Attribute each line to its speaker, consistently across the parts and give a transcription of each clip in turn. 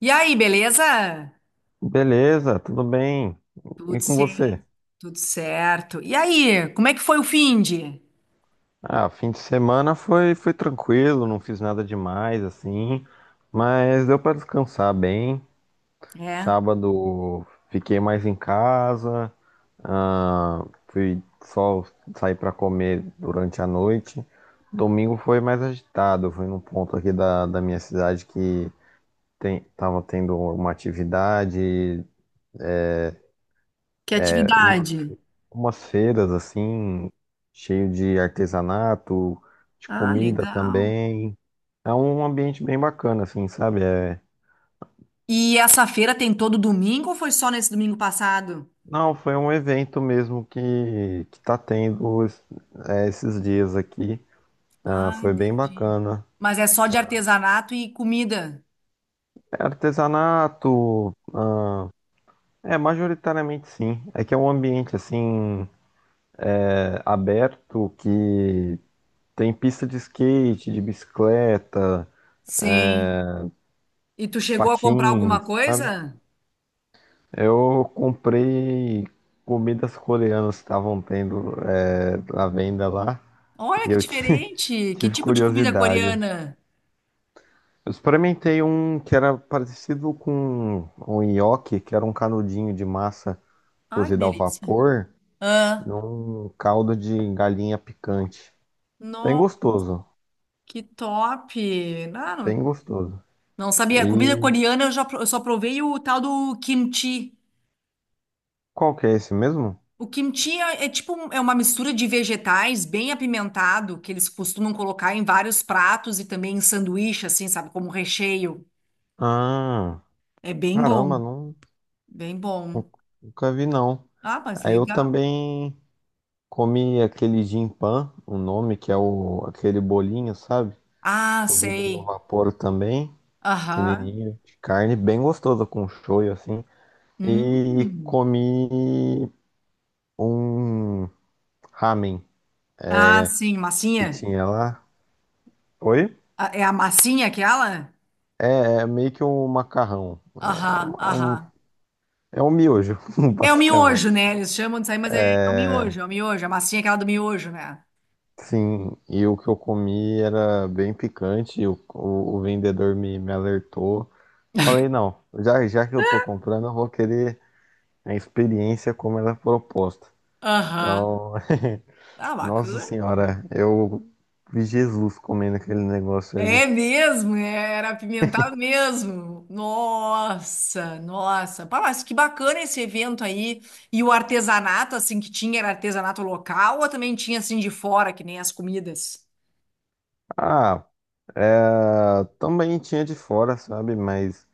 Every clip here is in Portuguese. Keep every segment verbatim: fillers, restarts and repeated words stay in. Speaker 1: E aí, beleza?
Speaker 2: Beleza, tudo bem.
Speaker 1: Tudo
Speaker 2: E com você?
Speaker 1: certo, tudo certo. E aí, como é que foi o finde?
Speaker 2: Ah, fim de semana foi, foi tranquilo, não fiz nada demais assim, mas deu para descansar bem.
Speaker 1: É,
Speaker 2: Sábado fiquei mais em casa, ah, fui só sair para comer durante a noite. Domingo foi mais agitado, fui num ponto aqui da, da minha cidade que tem, tava tendo uma atividade,
Speaker 1: que atividade?
Speaker 2: umas feiras assim, cheio de artesanato, de
Speaker 1: Ah,
Speaker 2: comida
Speaker 1: legal.
Speaker 2: também. É um ambiente bem bacana, assim, sabe? É...
Speaker 1: E essa feira tem todo domingo ou foi só nesse domingo passado?
Speaker 2: Não, foi um evento mesmo que, que tá tendo es- é, esses dias aqui. Ah,
Speaker 1: Ah,
Speaker 2: foi bem
Speaker 1: entendi.
Speaker 2: bacana.
Speaker 1: Mas é só de artesanato e comida?
Speaker 2: É artesanato, é majoritariamente sim. É que é um ambiente assim é, aberto que tem pista de skate, de bicicleta,
Speaker 1: Sim. E tu chegou a comprar alguma
Speaker 2: patins, sabe?
Speaker 1: coisa?
Speaker 2: Eu comprei comidas coreanas que estavam tendo é, à venda lá
Speaker 1: Olha
Speaker 2: e
Speaker 1: que
Speaker 2: eu ti-
Speaker 1: diferente! Que
Speaker 2: tive
Speaker 1: tipo de comida
Speaker 2: curiosidade.
Speaker 1: coreana?
Speaker 2: Eu experimentei um que era parecido com um nhoque, que era um canudinho de massa
Speaker 1: Ai, que
Speaker 2: cozida ao
Speaker 1: delícia.
Speaker 2: vapor
Speaker 1: Ah,
Speaker 2: num caldo de galinha picante. Bem
Speaker 1: nossa,
Speaker 2: gostoso,
Speaker 1: que top! Não, não.
Speaker 2: bem gostoso.
Speaker 1: Não sabia. Comida
Speaker 2: E
Speaker 1: coreana eu já pro- eu só provei o tal do kimchi.
Speaker 2: qual que é esse mesmo?
Speaker 1: O kimchi é, é tipo um- é uma mistura de vegetais bem apimentado que eles costumam colocar em vários pratos e também em sanduíche, assim, sabe, como recheio.
Speaker 2: Ah,
Speaker 1: É bem
Speaker 2: caramba,
Speaker 1: bom,
Speaker 2: não,
Speaker 1: bem
Speaker 2: nu-
Speaker 1: bom.
Speaker 2: nunca vi não.
Speaker 1: Ah, mas
Speaker 2: Aí eu
Speaker 1: legal.
Speaker 2: também. Comi aquele gin pan, o nome que é o, aquele bolinho, sabe?
Speaker 1: Ah,
Speaker 2: Cozido no
Speaker 1: sei.
Speaker 2: vapor também,
Speaker 1: Aham.
Speaker 2: pequenininho, de carne, bem gostoso com shoyu assim. E
Speaker 1: Hum.
Speaker 2: comi um ramen
Speaker 1: Ah, sim,
Speaker 2: que
Speaker 1: massinha.
Speaker 2: tinha lá. Oi?
Speaker 1: Ah, é a massinha aquela?
Speaker 2: É meio que um macarrão, é,
Speaker 1: Aham,
Speaker 2: uma- é um,
Speaker 1: aham.
Speaker 2: é um miojo,
Speaker 1: É o miojo,
Speaker 2: basicamente.
Speaker 1: né? Eles chamam disso aí, mas é o
Speaker 2: É.
Speaker 1: miojo, é o miojo, a massinha é aquela do miojo, né?
Speaker 2: Sim, e o que eu comi era bem picante, e o, o, o vendedor me, me alertou. Falei, não, já, já que eu tô comprando, eu vou querer a experiência como ela é proposta.
Speaker 1: Aham.
Speaker 2: Então,
Speaker 1: Ah,
Speaker 2: nossa
Speaker 1: bacana. Pô.
Speaker 2: senhora, eu vi Jesus comendo aquele negócio ali.
Speaker 1: É mesmo, é, era apimentado mesmo. Nossa, nossa. Pá, mas que bacana esse evento aí. E o artesanato, assim, que tinha, era artesanato local ou também tinha, assim, de fora, que nem as comidas?
Speaker 2: Ah, é, também tinha de fora, sabe? Mas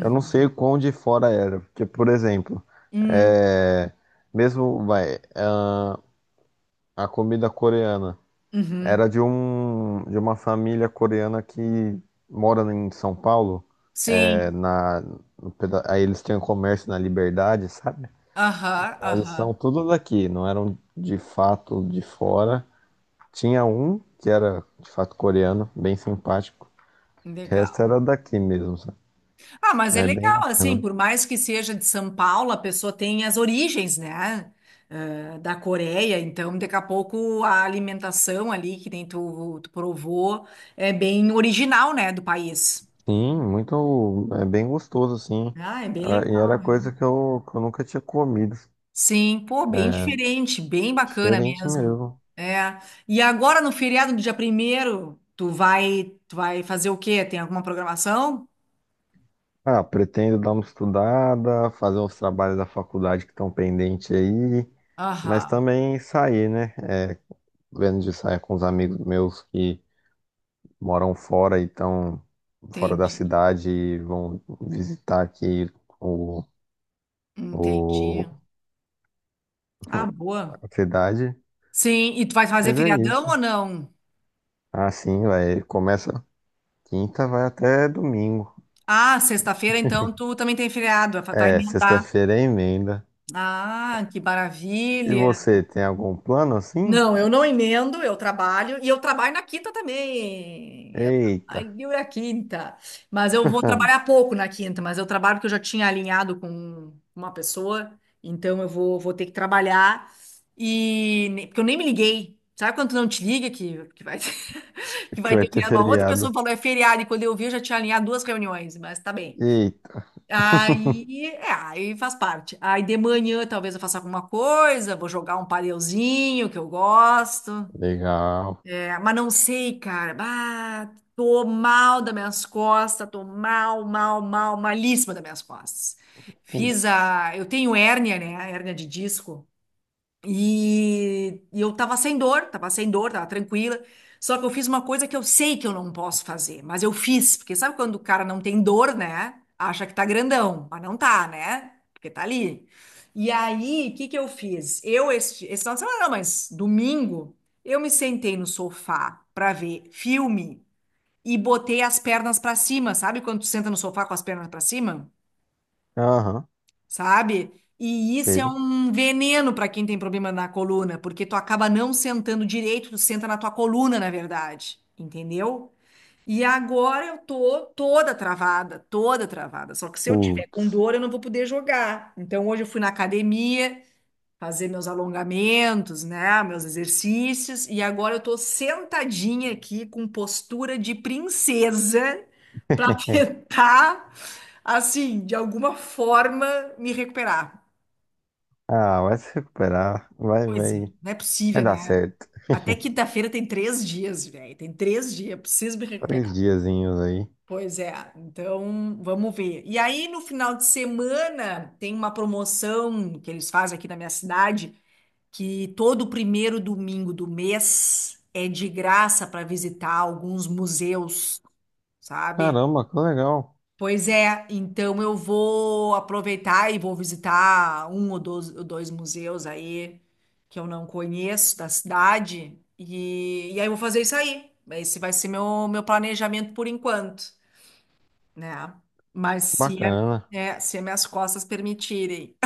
Speaker 2: eu não sei o quão de fora era. Porque, por exemplo,
Speaker 1: Hum,
Speaker 2: é, mesmo, vai, ah, a comida coreana.
Speaker 1: uhum.
Speaker 2: Era de um de uma família coreana que mora em São Paulo. é,
Speaker 1: Sim.
Speaker 2: na, no peda- aí eles tinham comércio na Liberdade, sabe?
Speaker 1: Aham,
Speaker 2: Então eles são
Speaker 1: aham.
Speaker 2: tudo daqui, não eram de fato de fora. Tinha um que era de fato coreano, bem simpático. O resto
Speaker 1: Legal.
Speaker 2: era daqui mesmo, sabe?
Speaker 1: Ah, mas é
Speaker 2: É bem
Speaker 1: legal,
Speaker 2: bacana.
Speaker 1: assim, por mais que seja de São Paulo, a pessoa tem as origens, né? Eh, da Coreia, então daqui a pouco a alimentação ali, que nem tu, tu provou, é bem original, né, do país.
Speaker 2: Sim, muito, é bem gostoso, assim.
Speaker 1: Ah, é bem
Speaker 2: Era- E
Speaker 1: legal,
Speaker 2: era
Speaker 1: né?
Speaker 2: coisa que eu, que eu nunca tinha comido.
Speaker 1: Sim, pô, bem diferente, bem bacana
Speaker 2: Diferente
Speaker 1: mesmo.
Speaker 2: mesmo.
Speaker 1: É. E agora no feriado do dia primeiro, tu vai, tu vai fazer o quê? Tem alguma programação?
Speaker 2: Ah, pretendo dar uma estudada, fazer uns trabalhos da faculdade que estão pendentes aí, mas
Speaker 1: Aham,
Speaker 2: também sair, né? É, vendo de sair com os amigos meus que moram fora e estão fora da
Speaker 1: entendi,
Speaker 2: cidade e vão visitar aqui o,
Speaker 1: entendi.
Speaker 2: o,
Speaker 1: Ah, boa.
Speaker 2: a cidade.
Speaker 1: Sim, e tu vai fazer
Speaker 2: Mas é
Speaker 1: feriadão
Speaker 2: isso.
Speaker 1: ou não?
Speaker 2: Ah, sim, vai. Começa quinta, vai até domingo.
Speaker 1: Ah, sexta-feira, então tu também tem feriado, vai vai
Speaker 2: É,
Speaker 1: emendar.
Speaker 2: sexta-feira é emenda.
Speaker 1: Ah, que
Speaker 2: E
Speaker 1: maravilha.
Speaker 2: você, tem algum plano assim?
Speaker 1: Não, eu não emendo, eu trabalho, e eu trabalho na quinta também. Eu
Speaker 2: Eita,
Speaker 1: trabalho na quinta. Mas eu vou trabalhar pouco na quinta, mas eu trabalho porque eu já tinha alinhado com uma pessoa, então eu vou, vou ter que trabalhar. E ne- porque eu nem me liguei. Sabe quando tu não te liga que, que vai que
Speaker 2: que
Speaker 1: vai
Speaker 2: vai
Speaker 1: ter
Speaker 2: ter
Speaker 1: que uma outra pessoa
Speaker 2: feriado.
Speaker 1: falou é feriado e quando eu vi eu já tinha alinhado duas reuniões, mas tá bem.
Speaker 2: Eita.
Speaker 1: Aí, é, aí faz parte. Aí de manhã talvez eu faça alguma coisa, vou jogar um padelzinho que eu gosto.
Speaker 2: Legal.
Speaker 1: É, mas não sei, cara. Ah, tô mal das minhas costas, tô mal, mal, mal, malíssima das minhas costas. Fiz
Speaker 2: Putz.
Speaker 1: a, eu tenho hérnia, né? Hérnia de disco. E, e eu tava sem dor, tava sem dor, tava tranquila. Só que eu fiz uma coisa que eu sei que eu não posso fazer, mas eu fiz, porque sabe quando o cara não tem dor, né? Acha que tá grandão, mas não tá, né? Porque tá ali. E aí, o que que eu fiz? Eu, este, esse final de semana, não, mas domingo, eu me sentei no sofá pra ver filme e botei as pernas pra cima, sabe? Quando tu senta no sofá com as pernas pra cima?
Speaker 2: Aham,
Speaker 1: Sabe? E isso é
Speaker 2: sei.
Speaker 1: um veneno para quem tem problema na coluna, porque tu acaba não sentando direito, tu senta na tua coluna, na verdade, entendeu? E agora eu tô toda travada, toda travada. Só que se eu tiver com
Speaker 2: Putz.
Speaker 1: dor, eu não vou poder jogar. Então hoje eu fui na academia, fazer meus alongamentos, né, meus exercícios, e agora eu tô sentadinha aqui com postura de princesa para tentar, assim, de alguma forma me recuperar.
Speaker 2: Ah, vai se recuperar. Vai,
Speaker 1: Pois é,
Speaker 2: vai.
Speaker 1: não é
Speaker 2: Vai
Speaker 1: possível,
Speaker 2: dar
Speaker 1: né?
Speaker 2: certo.
Speaker 1: Até quinta-feira tem três dias, velho. Tem três dias, preciso me
Speaker 2: Três
Speaker 1: recuperar.
Speaker 2: diazinhos aí.
Speaker 1: Pois é, então vamos ver. E aí, no final de semana, tem uma promoção que eles fazem aqui na minha cidade que todo primeiro domingo do mês é de graça para visitar alguns museus, sabe?
Speaker 2: Caramba, que legal.
Speaker 1: Pois é, então eu vou aproveitar e vou visitar um ou dois, ou dois museus aí que eu não conheço da cidade e, e aí eu vou fazer isso aí. Esse vai ser meu, meu planejamento por enquanto, né? Mas se, é,
Speaker 2: Bacana.
Speaker 1: é, se as minhas costas permitirem.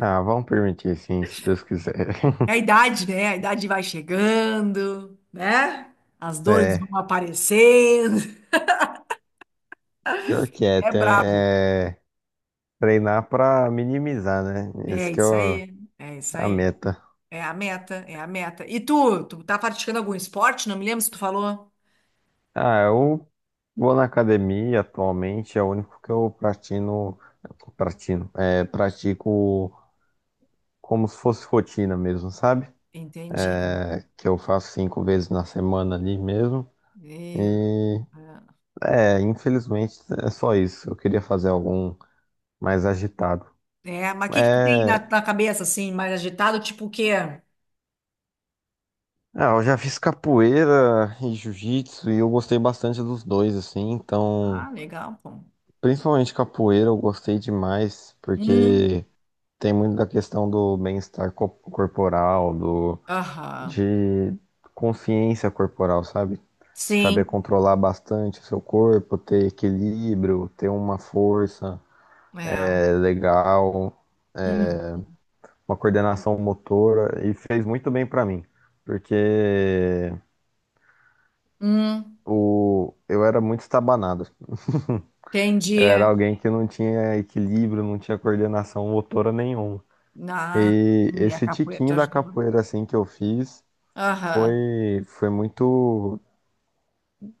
Speaker 2: Ah, vamos permitir sim, se Deus quiser.
Speaker 1: É. A idade, né? A idade vai chegando, né? As dores vão
Speaker 2: É,
Speaker 1: aparecendo.
Speaker 2: pior que é,
Speaker 1: É
Speaker 2: tem-
Speaker 1: brabo.
Speaker 2: é treinar pra minimizar, né?
Speaker 1: É
Speaker 2: Esse que é
Speaker 1: isso
Speaker 2: o-
Speaker 1: aí. É isso
Speaker 2: a
Speaker 1: aí.
Speaker 2: meta.
Speaker 1: É a meta, é a meta. E tu, tu tá praticando algum esporte? Não me lembro se tu falou.
Speaker 2: Ah, eu vou na academia atualmente, é o único que eu pratino, pratino, é, pratico como se fosse rotina mesmo, sabe?
Speaker 1: Entendi.
Speaker 2: É, que eu faço cinco vezes na semana ali mesmo.
Speaker 1: Meu Deus.
Speaker 2: E É, infelizmente é só isso. Eu queria fazer algum mais agitado.
Speaker 1: É, mas o que que tu tem
Speaker 2: É,
Speaker 1: na, na cabeça, assim, mais agitado? Tipo o quê?
Speaker 2: ah, eu já fiz capoeira e jiu-jitsu e eu gostei bastante dos dois, assim, então,
Speaker 1: Ah, legal, pô.
Speaker 2: principalmente capoeira eu gostei demais,
Speaker 1: Hum,
Speaker 2: porque. Tem muito da questão do bem-estar co- corporal, do,
Speaker 1: aham.
Speaker 2: de consciência corporal, sabe? Saber
Speaker 1: Sim,
Speaker 2: controlar bastante o seu corpo, ter equilíbrio, ter uma força
Speaker 1: é.
Speaker 2: é, legal,
Speaker 1: Hum,
Speaker 2: uma coordenação motora, e fez muito bem pra mim, porque
Speaker 1: hum,
Speaker 2: o, eu era muito estabanado assim. Eu era
Speaker 1: entendi.
Speaker 2: alguém que não tinha equilíbrio, não tinha coordenação motora nenhuma.
Speaker 1: Ah,
Speaker 2: E
Speaker 1: e a
Speaker 2: esse
Speaker 1: capoeira te
Speaker 2: tiquinho da
Speaker 1: ajudou.
Speaker 2: capoeira assim que eu fiz
Speaker 1: Aham.
Speaker 2: Foi, foi muito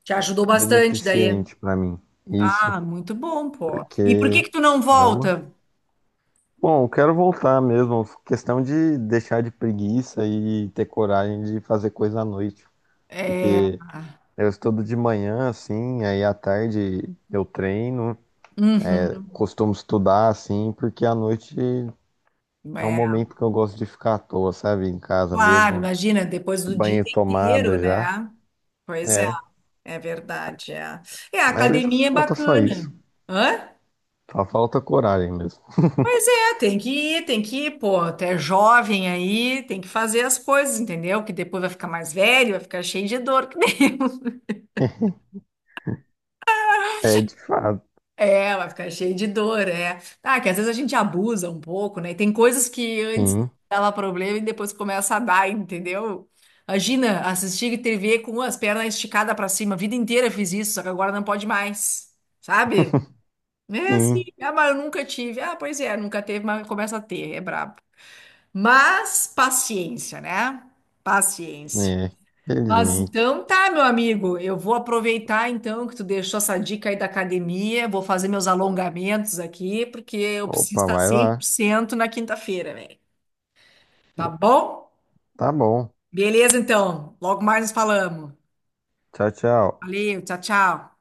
Speaker 1: Te ajudou bastante daí.
Speaker 2: beneficente pra mim, isso,
Speaker 1: Ah, muito bom, pô. E por que
Speaker 2: porque,
Speaker 1: que tu não
Speaker 2: caramba.
Speaker 1: volta?
Speaker 2: Bom, eu quero voltar mesmo, questão de deixar de preguiça e ter coragem de fazer coisa à noite,
Speaker 1: É,
Speaker 2: porque eu estudo de manhã, assim, aí à tarde eu treino, eu
Speaker 1: uhum,
Speaker 2: costumo estudar, assim, porque à noite é um
Speaker 1: é,
Speaker 2: momento que eu gosto de ficar à toa, sabe, em casa
Speaker 1: claro,
Speaker 2: mesmo,
Speaker 1: imagina, depois do dia
Speaker 2: banho e
Speaker 1: inteiro,
Speaker 2: tomada já,
Speaker 1: né? Pois é,
Speaker 2: é,
Speaker 1: é verdade, é. É, a
Speaker 2: mas
Speaker 1: academia é
Speaker 2: falta só
Speaker 1: bacana.
Speaker 2: isso,
Speaker 1: Hã?
Speaker 2: só falta coragem mesmo.
Speaker 1: É, tem que ir, tem que ir, pô, tu é jovem aí, tem que fazer as coisas, entendeu? Que depois vai ficar mais velho, vai ficar cheio de dor, que nem eu.
Speaker 2: É de fato.
Speaker 1: É, vai ficar cheio de dor, é. Ah, que às vezes a gente abusa um pouco, né? E tem coisas que antes
Speaker 2: Sim,
Speaker 1: dava problema e depois começa a dar, entendeu? Imagina assistir T V com as pernas esticadas pra cima. A vida inteira fiz isso, só que agora não pode mais, sabe? É assim,
Speaker 2: sim.
Speaker 1: ah, mas eu nunca tive. Ah, pois é, nunca teve, mas começa a ter, é brabo. Mas paciência, né? Paciência.
Speaker 2: É,
Speaker 1: Mas
Speaker 2: felizmente.
Speaker 1: então tá, meu amigo, eu vou aproveitar então que tu deixou essa dica aí da academia, vou fazer meus alongamentos aqui, porque eu preciso
Speaker 2: Opa,
Speaker 1: estar
Speaker 2: vai
Speaker 1: cem por
Speaker 2: lá.
Speaker 1: cento na quinta-feira, velho. Tá bom?
Speaker 2: Tá bom.
Speaker 1: Beleza, então. Logo mais nos falamos.
Speaker 2: Tchau, tchau.
Speaker 1: Valeu, tchau, tchau.